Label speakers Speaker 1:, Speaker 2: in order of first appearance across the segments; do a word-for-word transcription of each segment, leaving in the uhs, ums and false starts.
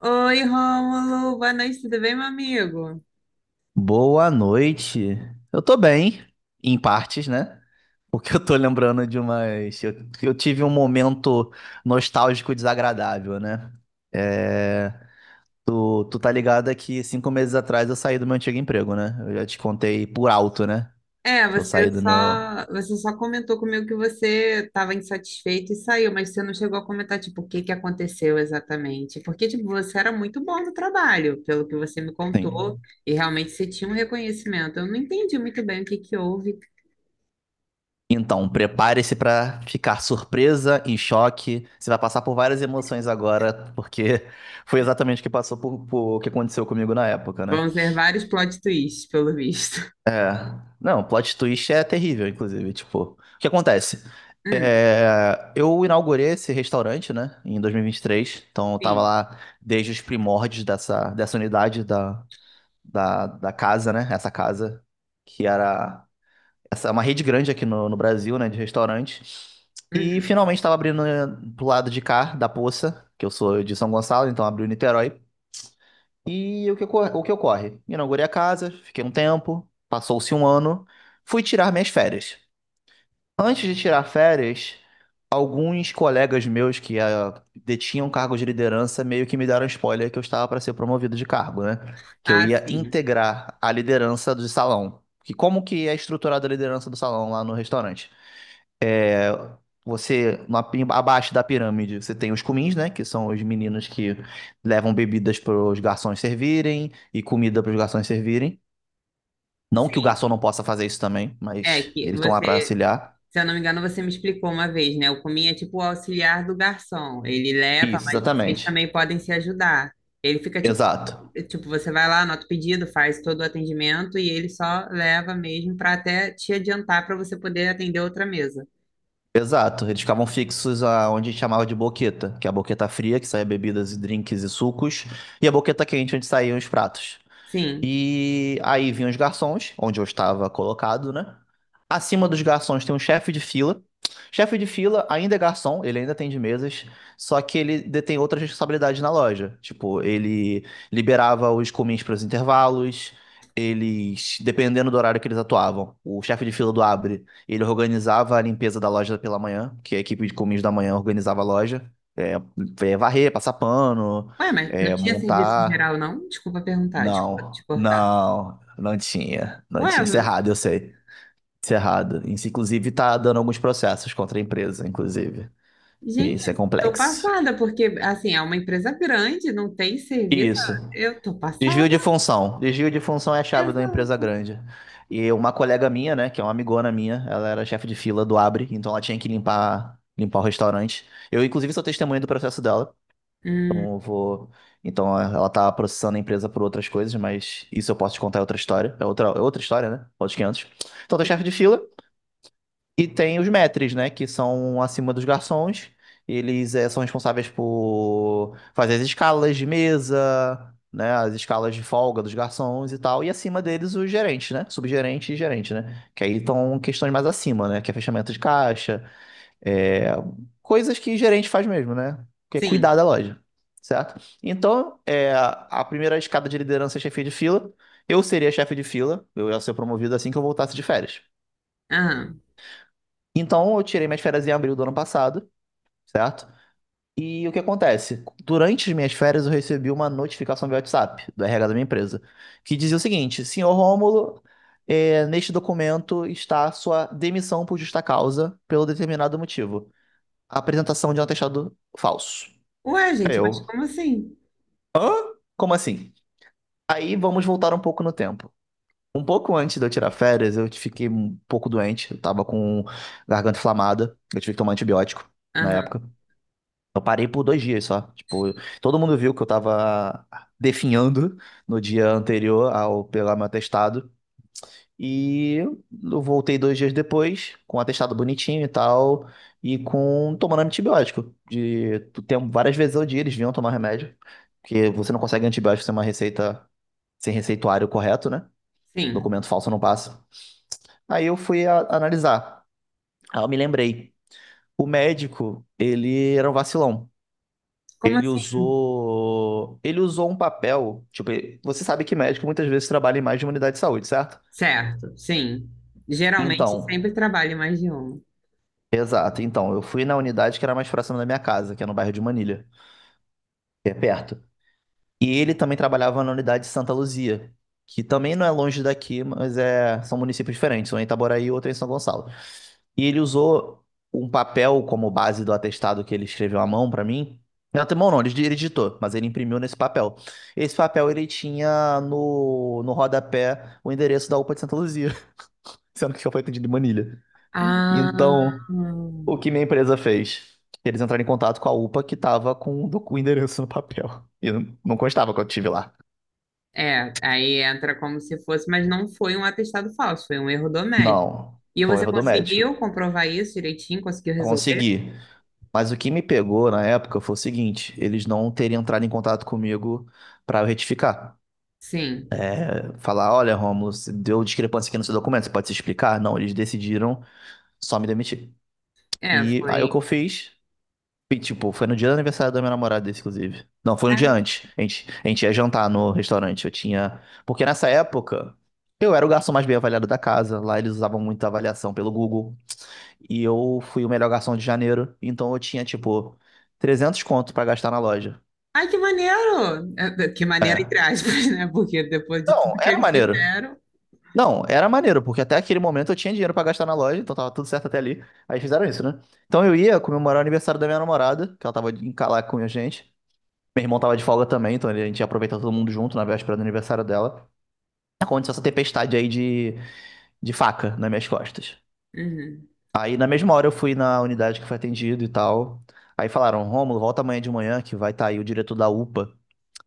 Speaker 1: Oi, Rômulo, boa noite, tudo bem, meu amigo?
Speaker 2: Boa noite. Eu tô bem, em partes, né? Porque eu tô lembrando de umas. Eu, eu tive um momento nostálgico desagradável, né? É, Tu, tu tá ligado que cinco meses atrás eu saí do meu antigo emprego, né? Eu já te contei por alto, né?
Speaker 1: É,
Speaker 2: Que eu
Speaker 1: você
Speaker 2: saí do meu.
Speaker 1: só, você só comentou comigo que você estava insatisfeito e saiu, mas você não chegou a comentar, tipo, o que que aconteceu exatamente. Porque, tipo, você era muito bom no trabalho, pelo que você me contou,
Speaker 2: Sim.
Speaker 1: e realmente você tinha um reconhecimento. Eu não entendi muito bem o que que houve.
Speaker 2: Então, prepare-se pra ficar surpresa, em choque. Você vai passar por várias emoções agora, porque foi exatamente o que passou por, por- o que aconteceu comigo na época, né?
Speaker 1: Vão ser vários plot twists, pelo visto.
Speaker 2: É. Não, plot twist é terrível, inclusive. Tipo, o que acontece?
Speaker 1: Hum,
Speaker 2: É, eu inaugurei esse restaurante, né, em dois mil e e vinte e três. Então, eu tava
Speaker 1: sim.
Speaker 2: lá desde os primórdios dessa, dessa unidade da, da, da casa, né? Essa casa, que era essa, é uma rede grande aqui no, no Brasil, né, de restaurantes. E
Speaker 1: Uhum.
Speaker 2: finalmente estava abrindo, né, pro lado de cá, da Poça, que eu sou de São Gonçalo, então abriu em Niterói. E o que, ocor- o que ocorre? Inaugurei a casa, fiquei um tempo, passou-se um ano, fui tirar minhas férias. Antes de tirar férias, alguns colegas meus que ah, detinham cargos de liderança meio que me deram spoiler que eu estava para ser promovido de cargo, né? Que eu
Speaker 1: Ah,
Speaker 2: ia
Speaker 1: sim.
Speaker 2: integrar a liderança do salão. Que como que é estruturada a liderança do salão lá no restaurante? É, você, na pi- abaixo da pirâmide, você tem os cumins, né? Que são os meninos que levam bebidas para os garçons servirem e comida para os garçons servirem. Não que o
Speaker 1: Sim.
Speaker 2: garçom não possa fazer isso também,
Speaker 1: É
Speaker 2: mas
Speaker 1: que
Speaker 2: eles estão lá para
Speaker 1: você
Speaker 2: auxiliar.
Speaker 1: Se eu não me engano, você me explicou uma vez, né? O Comin é tipo o auxiliar do garçom. Ele leva,
Speaker 2: Isso,
Speaker 1: mas vocês
Speaker 2: exatamente.
Speaker 1: também podem se ajudar. Ele fica tipo,
Speaker 2: Exato.
Speaker 1: tipo, você vai lá, anota o pedido, faz todo o atendimento e ele só leva mesmo para até te adiantar para você poder atender outra mesa.
Speaker 2: Exato. Eles ficavam fixos aonde a gente chamava de boqueta, que é a boqueta fria, que saía bebidas e drinks e sucos, e a boqueta quente, onde saíam os pratos.
Speaker 1: Sim.
Speaker 2: E aí vinham os garçons, onde eu estava colocado, né? Acima dos garçons tem um chefe de fila. Chefe de fila ainda é garçom, ele ainda atende mesas, só que ele detém outras responsabilidades na loja. Tipo, ele liberava os comins para os intervalos, eles, dependendo do horário que eles atuavam, o chefe de fila do Abre, ele organizava a limpeza da loja pela manhã, que a equipe de comins da manhã organizava a loja, é, é varrer, passar pano,
Speaker 1: Ué, mas não
Speaker 2: é,
Speaker 1: tinha serviço
Speaker 2: montar.
Speaker 1: geral, não? Desculpa perguntar, desculpa te
Speaker 2: Não,
Speaker 1: cortar.
Speaker 2: não, não tinha, não
Speaker 1: Ué,
Speaker 2: tinha. Isso é
Speaker 1: meu-
Speaker 2: errado, eu sei. Isso é errado. Isso, inclusive, tá dando alguns processos contra a empresa, inclusive. E
Speaker 1: Gente,
Speaker 2: isso é
Speaker 1: eu tô
Speaker 2: complexo.
Speaker 1: passada, porque assim, é uma empresa grande, não tem serviço.
Speaker 2: Isso.
Speaker 1: Eu tô passada.
Speaker 2: Desvio de função. Desvio de função é a chave de uma empresa
Speaker 1: Exato.
Speaker 2: grande. E uma colega minha, né, que é uma amigona minha, ela era chefe de fila do Abre, então ela tinha que limpar, limpar o restaurante. Eu, inclusive, sou testemunha do processo dela.
Speaker 1: Hum,
Speaker 2: Então eu vou. Então ela tá processando a empresa por outras coisas, mas isso eu posso te contar é outra história. É outra, é outra história, né? Outros quinhentos. Então tem o chefe de fila e tem os maîtres, né? Que são acima dos garçons. Eles eh, são responsáveis por fazer as escalas de mesa, né? As escalas de folga dos garçons e tal. E acima deles os gerentes, né? Subgerente e gerente, né? Que aí estão questões mais acima, né? Que é fechamento de caixa, é, coisas que gerente faz mesmo, né? Que é
Speaker 1: sim.
Speaker 2: cuidar da loja, certo? Então, é, a primeira escada de liderança é chefia de fila. Eu seria chefe de fila, eu ia ser promovido assim que eu voltasse de férias.
Speaker 1: Aham.
Speaker 2: Então, eu tirei minhas férias em abril do ano passado, certo? E o que acontece? Durante as minhas férias, eu recebi uma notificação via WhatsApp do R H da minha empresa, que dizia o seguinte: senhor Rômulo, é, neste documento está a sua demissão por justa causa, pelo determinado motivo. A apresentação de um atestado falso.
Speaker 1: Ué,
Speaker 2: Aí
Speaker 1: gente, mas
Speaker 2: eu,
Speaker 1: como assim?
Speaker 2: hã? Como assim? Aí vamos voltar um pouco no tempo. Um pouco antes de eu tirar férias, eu fiquei um pouco doente. Eu tava com garganta inflamada. Eu tive que tomar antibiótico na época.
Speaker 1: Aham,
Speaker 2: Eu parei por dois dias só. Tipo, todo mundo viu que eu tava definhando no dia anterior ao pegar meu atestado. E eu voltei dois dias depois, com um atestado bonitinho e tal, e com tomando antibiótico. De, tu tem várias vezes ao dia, eles vinham tomar remédio, porque você não consegue antibiótico sem uma receita, sem receituário correto, né?
Speaker 1: sim.
Speaker 2: Documento falso não passa. Aí eu fui a- analisar. Aí eu me lembrei. O médico, ele era um vacilão.
Speaker 1: Como
Speaker 2: Ele
Speaker 1: assim?
Speaker 2: usou, ele usou um papel, tipo, você sabe que médico muitas vezes trabalha em mais de uma unidade de saúde, certo?
Speaker 1: Certo, sim. Geralmente
Speaker 2: Então,
Speaker 1: sempre trabalho mais de uma.
Speaker 2: exato. Então, eu fui na unidade que era mais próxima da minha casa, que é no bairro de Manilha, que é perto. E ele também trabalhava na unidade de Santa Luzia, que também não é longe daqui, mas é... são municípios diferentes, um em Itaboraí e outro em São Gonçalo. E ele usou um papel como base do atestado que ele escreveu à mão pra mim. Não, até mão não, ele ele digitou, mas ele imprimiu nesse papel. Esse papel ele tinha no, no rodapé o endereço da UPA de Santa Luzia, sendo que foi atendido de Manilha.
Speaker 1: Ah,
Speaker 2: Então, o que minha empresa fez? Eles entraram em contato com a UPA que estava com o docu- o endereço no papel. E não não constava quando eu tive lá.
Speaker 1: é. Aí entra como se fosse, mas não foi um atestado falso, foi um erro do médico.
Speaker 2: Não,
Speaker 1: E
Speaker 2: foi um
Speaker 1: você
Speaker 2: erro do médico.
Speaker 1: conseguiu comprovar isso direitinho? Conseguiu resolver?
Speaker 2: Consegui. Mas o que me pegou na época foi o seguinte: eles não terem entrado em contato comigo para eu retificar.
Speaker 1: Sim.
Speaker 2: Falar, olha, Rômulo, você deu discrepância aqui no seu documento, você pode se explicar? Não, eles decidiram só me demitir.
Speaker 1: É,
Speaker 2: E aí o que
Speaker 1: foi.
Speaker 2: eu fiz? E, tipo, foi no dia do aniversário da minha namorada, esse, inclusive. Não, foi um dia
Speaker 1: Ah,
Speaker 2: antes. A gente, a gente ia jantar no restaurante. Eu tinha. Porque nessa época, eu era o garçom mais bem avaliado da casa. Lá eles usavam muita avaliação pelo Google. E eu fui o melhor garçom de janeiro. Então eu tinha, tipo, trezentos conto pra gastar na loja.
Speaker 1: ai, que maneiro! É, que maneiro, entre aspas, né? Porque depois de
Speaker 2: Não,
Speaker 1: tudo que
Speaker 2: era
Speaker 1: eles
Speaker 2: maneiro.
Speaker 1: fizeram.
Speaker 2: Não, era maneiro, porque até aquele momento eu tinha dinheiro pra gastar na loja, então tava tudo certo até ali. Aí fizeram isso, né? Então eu ia comemorar o aniversário da minha namorada, que ela tava em Calaca com a gente. Meu irmão tava de folga também, então a gente ia aproveitar todo mundo junto na véspera do aniversário dela. Aconteceu essa tempestade aí de, de faca nas minhas costas.
Speaker 1: Uhum,
Speaker 2: Aí na mesma hora eu fui na unidade que foi atendido e tal. Aí falaram, Rômulo, volta amanhã de manhã que vai estar aí o diretor da UPA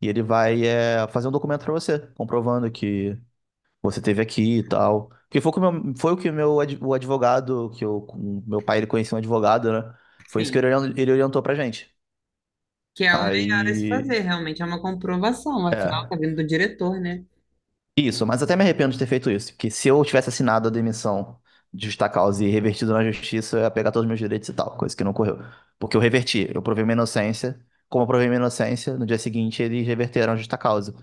Speaker 2: e ele vai, é, fazer um documento pra você, comprovando que você esteve aqui e tal. Porque foi, o que o meu- foi o que o meu ad- o advogado, que eu, o meu pai ele conhecia um advogado, né? Foi isso que ele
Speaker 1: sim.
Speaker 2: orien- ele orientou pra gente.
Speaker 1: Que é o melhor a se
Speaker 2: Aí,
Speaker 1: fazer, realmente. É uma comprovação. Afinal,
Speaker 2: é.
Speaker 1: tá vindo do diretor, né?
Speaker 2: Isso, mas até me arrependo de ter feito isso, porque se eu tivesse assinado a demissão de justa causa e revertido na justiça, eu ia pegar todos os meus direitos e tal, coisa que não ocorreu. Porque eu reverti, eu provei minha inocência, como eu provei minha inocência, no dia seguinte eles reverteram a justa causa.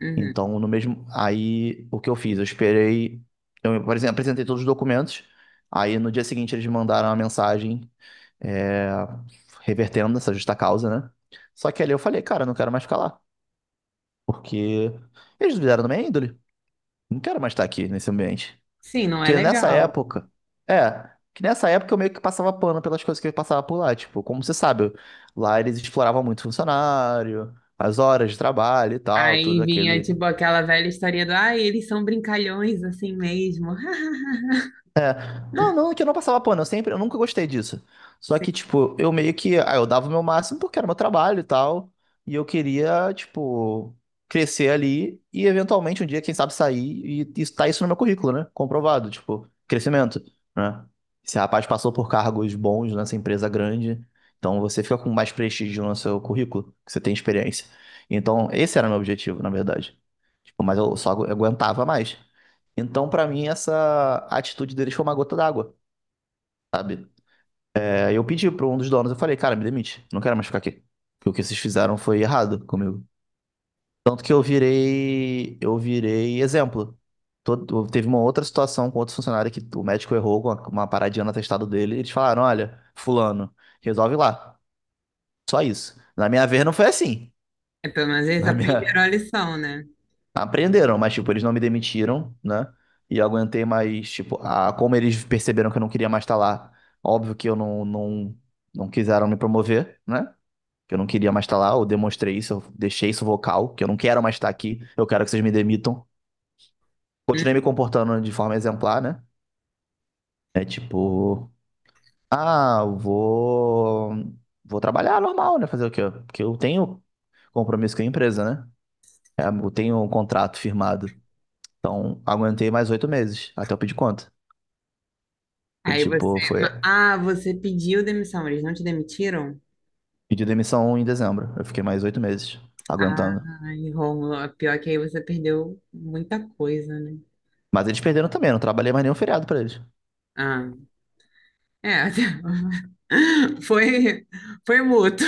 Speaker 1: Uhum.
Speaker 2: Então, no mesmo, aí o que eu fiz? Eu esperei, eu, por exemplo, apresentei todos os documentos, aí no dia seguinte eles me mandaram uma mensagem, é, revertendo essa justa causa, né? Só que ali eu falei, cara, eu não quero mais ficar lá, porque eles duvidaram da minha índole. Não quero mais estar aqui nesse ambiente.
Speaker 1: Sim, não é
Speaker 2: Porque nessa
Speaker 1: legal.
Speaker 2: época. É, que nessa época eu meio que passava pano pelas coisas que eu passava por lá. Tipo, como você sabe, eu- lá eles exploravam muito funcionário, as horas de trabalho e tal, tudo
Speaker 1: Aí vinha,
Speaker 2: aquele,
Speaker 1: tipo, aquela velha história do, ah, eles são brincalhões assim mesmo.
Speaker 2: não, não, que eu não passava pano, eu sempre, eu nunca gostei disso. Só
Speaker 1: Sim.
Speaker 2: que, tipo, eu meio que, ah, eu dava o meu máximo porque era meu trabalho e tal, e eu queria, tipo, crescer ali e eventualmente um dia, quem sabe, sair e e tá isso no meu currículo, né? Comprovado, tipo, crescimento, né? Esse rapaz passou por cargos bons nessa empresa grande, então você fica com mais prestígio no seu currículo, que você tem experiência. Então, esse era o meu objetivo, na verdade. Tipo, mas eu só agu- aguentava mais. Então, pra mim, essa atitude deles foi uma gota d'água, sabe? É, eu pedi pra um dos donos, eu falei, cara, me demite, não quero mais ficar aqui. Porque o que vocês fizeram foi errado comigo. Tanto que eu virei, eu virei exemplo. Todo- teve uma outra situação com outro funcionário que o médico errou com uma, uma paradinha no atestado dele. E eles falaram, olha, fulano, resolve lá. Só isso. Na minha vez não foi assim.
Speaker 1: É, pelo menos eles
Speaker 2: Na
Speaker 1: aprenderam
Speaker 2: minha,
Speaker 1: a lição, né?
Speaker 2: aprenderam, mas, tipo, eles não me demitiram, né? E eu aguentei mais, tipo, a, como eles perceberam que eu não queria mais estar lá, óbvio que eu não, não, não quiseram me promover, né? Que eu não queria mais estar lá, eu demonstrei isso, eu deixei isso vocal, que eu não quero mais estar aqui, eu quero que vocês me demitam. Continuei
Speaker 1: Uhum.
Speaker 2: me comportando de forma exemplar, né? É tipo, ah, eu vou, vou trabalhar normal, né? Fazer o quê? Porque eu tenho compromisso com a empresa, né? É, eu tenho um contrato firmado. Então, aguentei mais oito meses até eu pedir conta. Eu,
Speaker 1: Aí você,
Speaker 2: tipo, foi
Speaker 1: ma- ah, você pediu demissão, eles não te demitiram?
Speaker 2: pedi demissão em dezembro. Eu fiquei mais oito meses aguentando.
Speaker 1: Ai, Rômulo, a pior é que aí você perdeu muita coisa, né?
Speaker 2: Mas eles perderam também, eu não trabalhei mais nenhum feriado pra eles.
Speaker 1: Ah, é, foi, foi mútuo.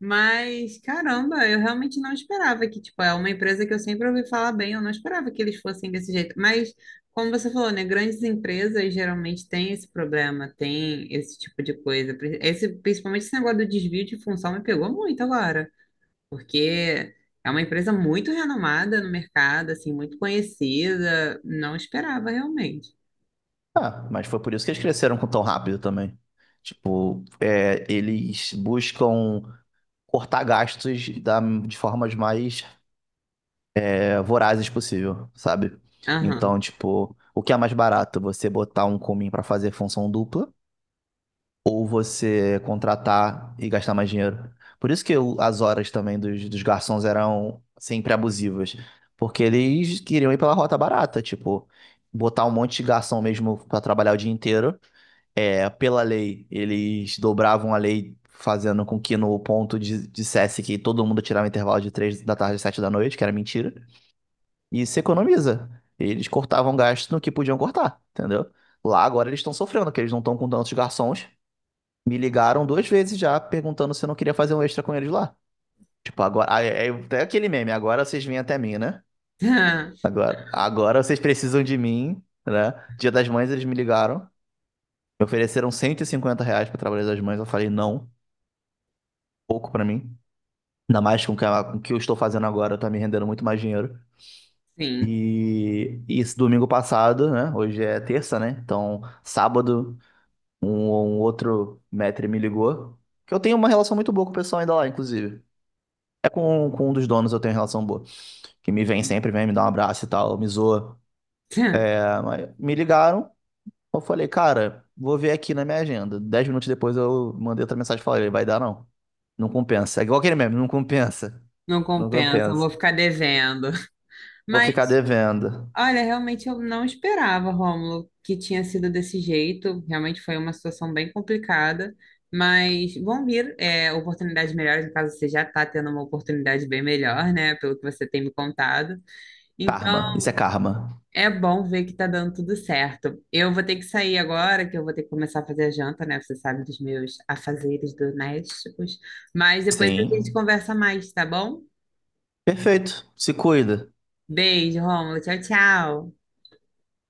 Speaker 1: Mas, caramba, eu realmente não esperava que, tipo, é uma empresa que eu sempre ouvi falar bem, eu não esperava que eles fossem desse jeito. Mas, como você falou, né, grandes empresas geralmente têm esse problema, tem esse tipo de coisa. Pri- esse, principalmente esse negócio do desvio de função me pegou muito agora, porque é uma empresa muito renomada no mercado, assim, muito conhecida, não esperava realmente.
Speaker 2: Ah, mas foi por isso que eles cresceram com tão rápido também. Tipo, é, eles buscam cortar gastos da, de formas mais, é, vorazes possível, sabe?
Speaker 1: Aham.
Speaker 2: Então, tipo, o que é mais barato? Você botar um comim pra fazer função dupla ou você contratar e gastar mais dinheiro. Por isso que o- as horas também dos, dos garçons eram sempre abusivas, porque eles queriam ir pela rota barata, tipo, botar um monte de garçom mesmo para trabalhar o dia inteiro. É, pela lei, eles dobravam a lei fazendo com que no ponto di- dissesse que todo mundo tirava intervalo de três da tarde às sete da noite, que era mentira, e se economiza. Eles cortavam gasto no que podiam cortar, entendeu? Lá agora eles estão sofrendo, porque eles não estão com tantos garçons, me ligaram duas vezes já perguntando se eu não queria fazer um extra com eles lá. Tipo, agora. ah, É, é até aquele meme, agora vocês vêm até mim, né? Agora, agora vocês precisam de mim, né? Dia das Mães eles me ligaram, me ofereceram cento e cinquenta reais pra trabalhar das mães. Eu falei, não, pouco pra mim. Ainda mais com o que com o que eu estou fazendo agora, tá me rendendo muito mais dinheiro.
Speaker 1: Sim.
Speaker 2: E, e esse domingo passado, né? Hoje é terça, né? Então, sábado, um, um outro maître me ligou. Que eu tenho uma relação muito boa com o pessoal ainda lá, inclusive. É com, com um dos donos eu tenho relação boa. Que me vem sempre, vem me dar um abraço e tal, me zoa. É, mas me ligaram, eu falei, cara, vou ver aqui na minha agenda. Dez minutos depois eu mandei outra mensagem e falei, vai dar não. Não compensa. É igual aquele meme, não compensa.
Speaker 1: Não
Speaker 2: Não
Speaker 1: compensa, vou
Speaker 2: compensa.
Speaker 1: ficar devendo.
Speaker 2: Vou ficar
Speaker 1: Mas
Speaker 2: devendo.
Speaker 1: olha, realmente eu não esperava, Rômulo, que tinha sido desse jeito. Realmente foi uma situação bem complicada, mas vão vir é, oportunidades melhores. No caso, você já está tendo uma oportunidade bem melhor, né? Pelo que você tem me contado.
Speaker 2: Karma,
Speaker 1: Então,
Speaker 2: isso é karma.
Speaker 1: é bom ver que está dando tudo certo. Eu vou ter que sair agora, que eu vou ter que começar a fazer a janta, né? Você sabe dos meus afazeres domésticos. Mas depois a gente
Speaker 2: Sim.
Speaker 1: conversa mais, tá bom?
Speaker 2: Perfeito, se cuida.
Speaker 1: Beijo, Rômulo. Tchau, tchau.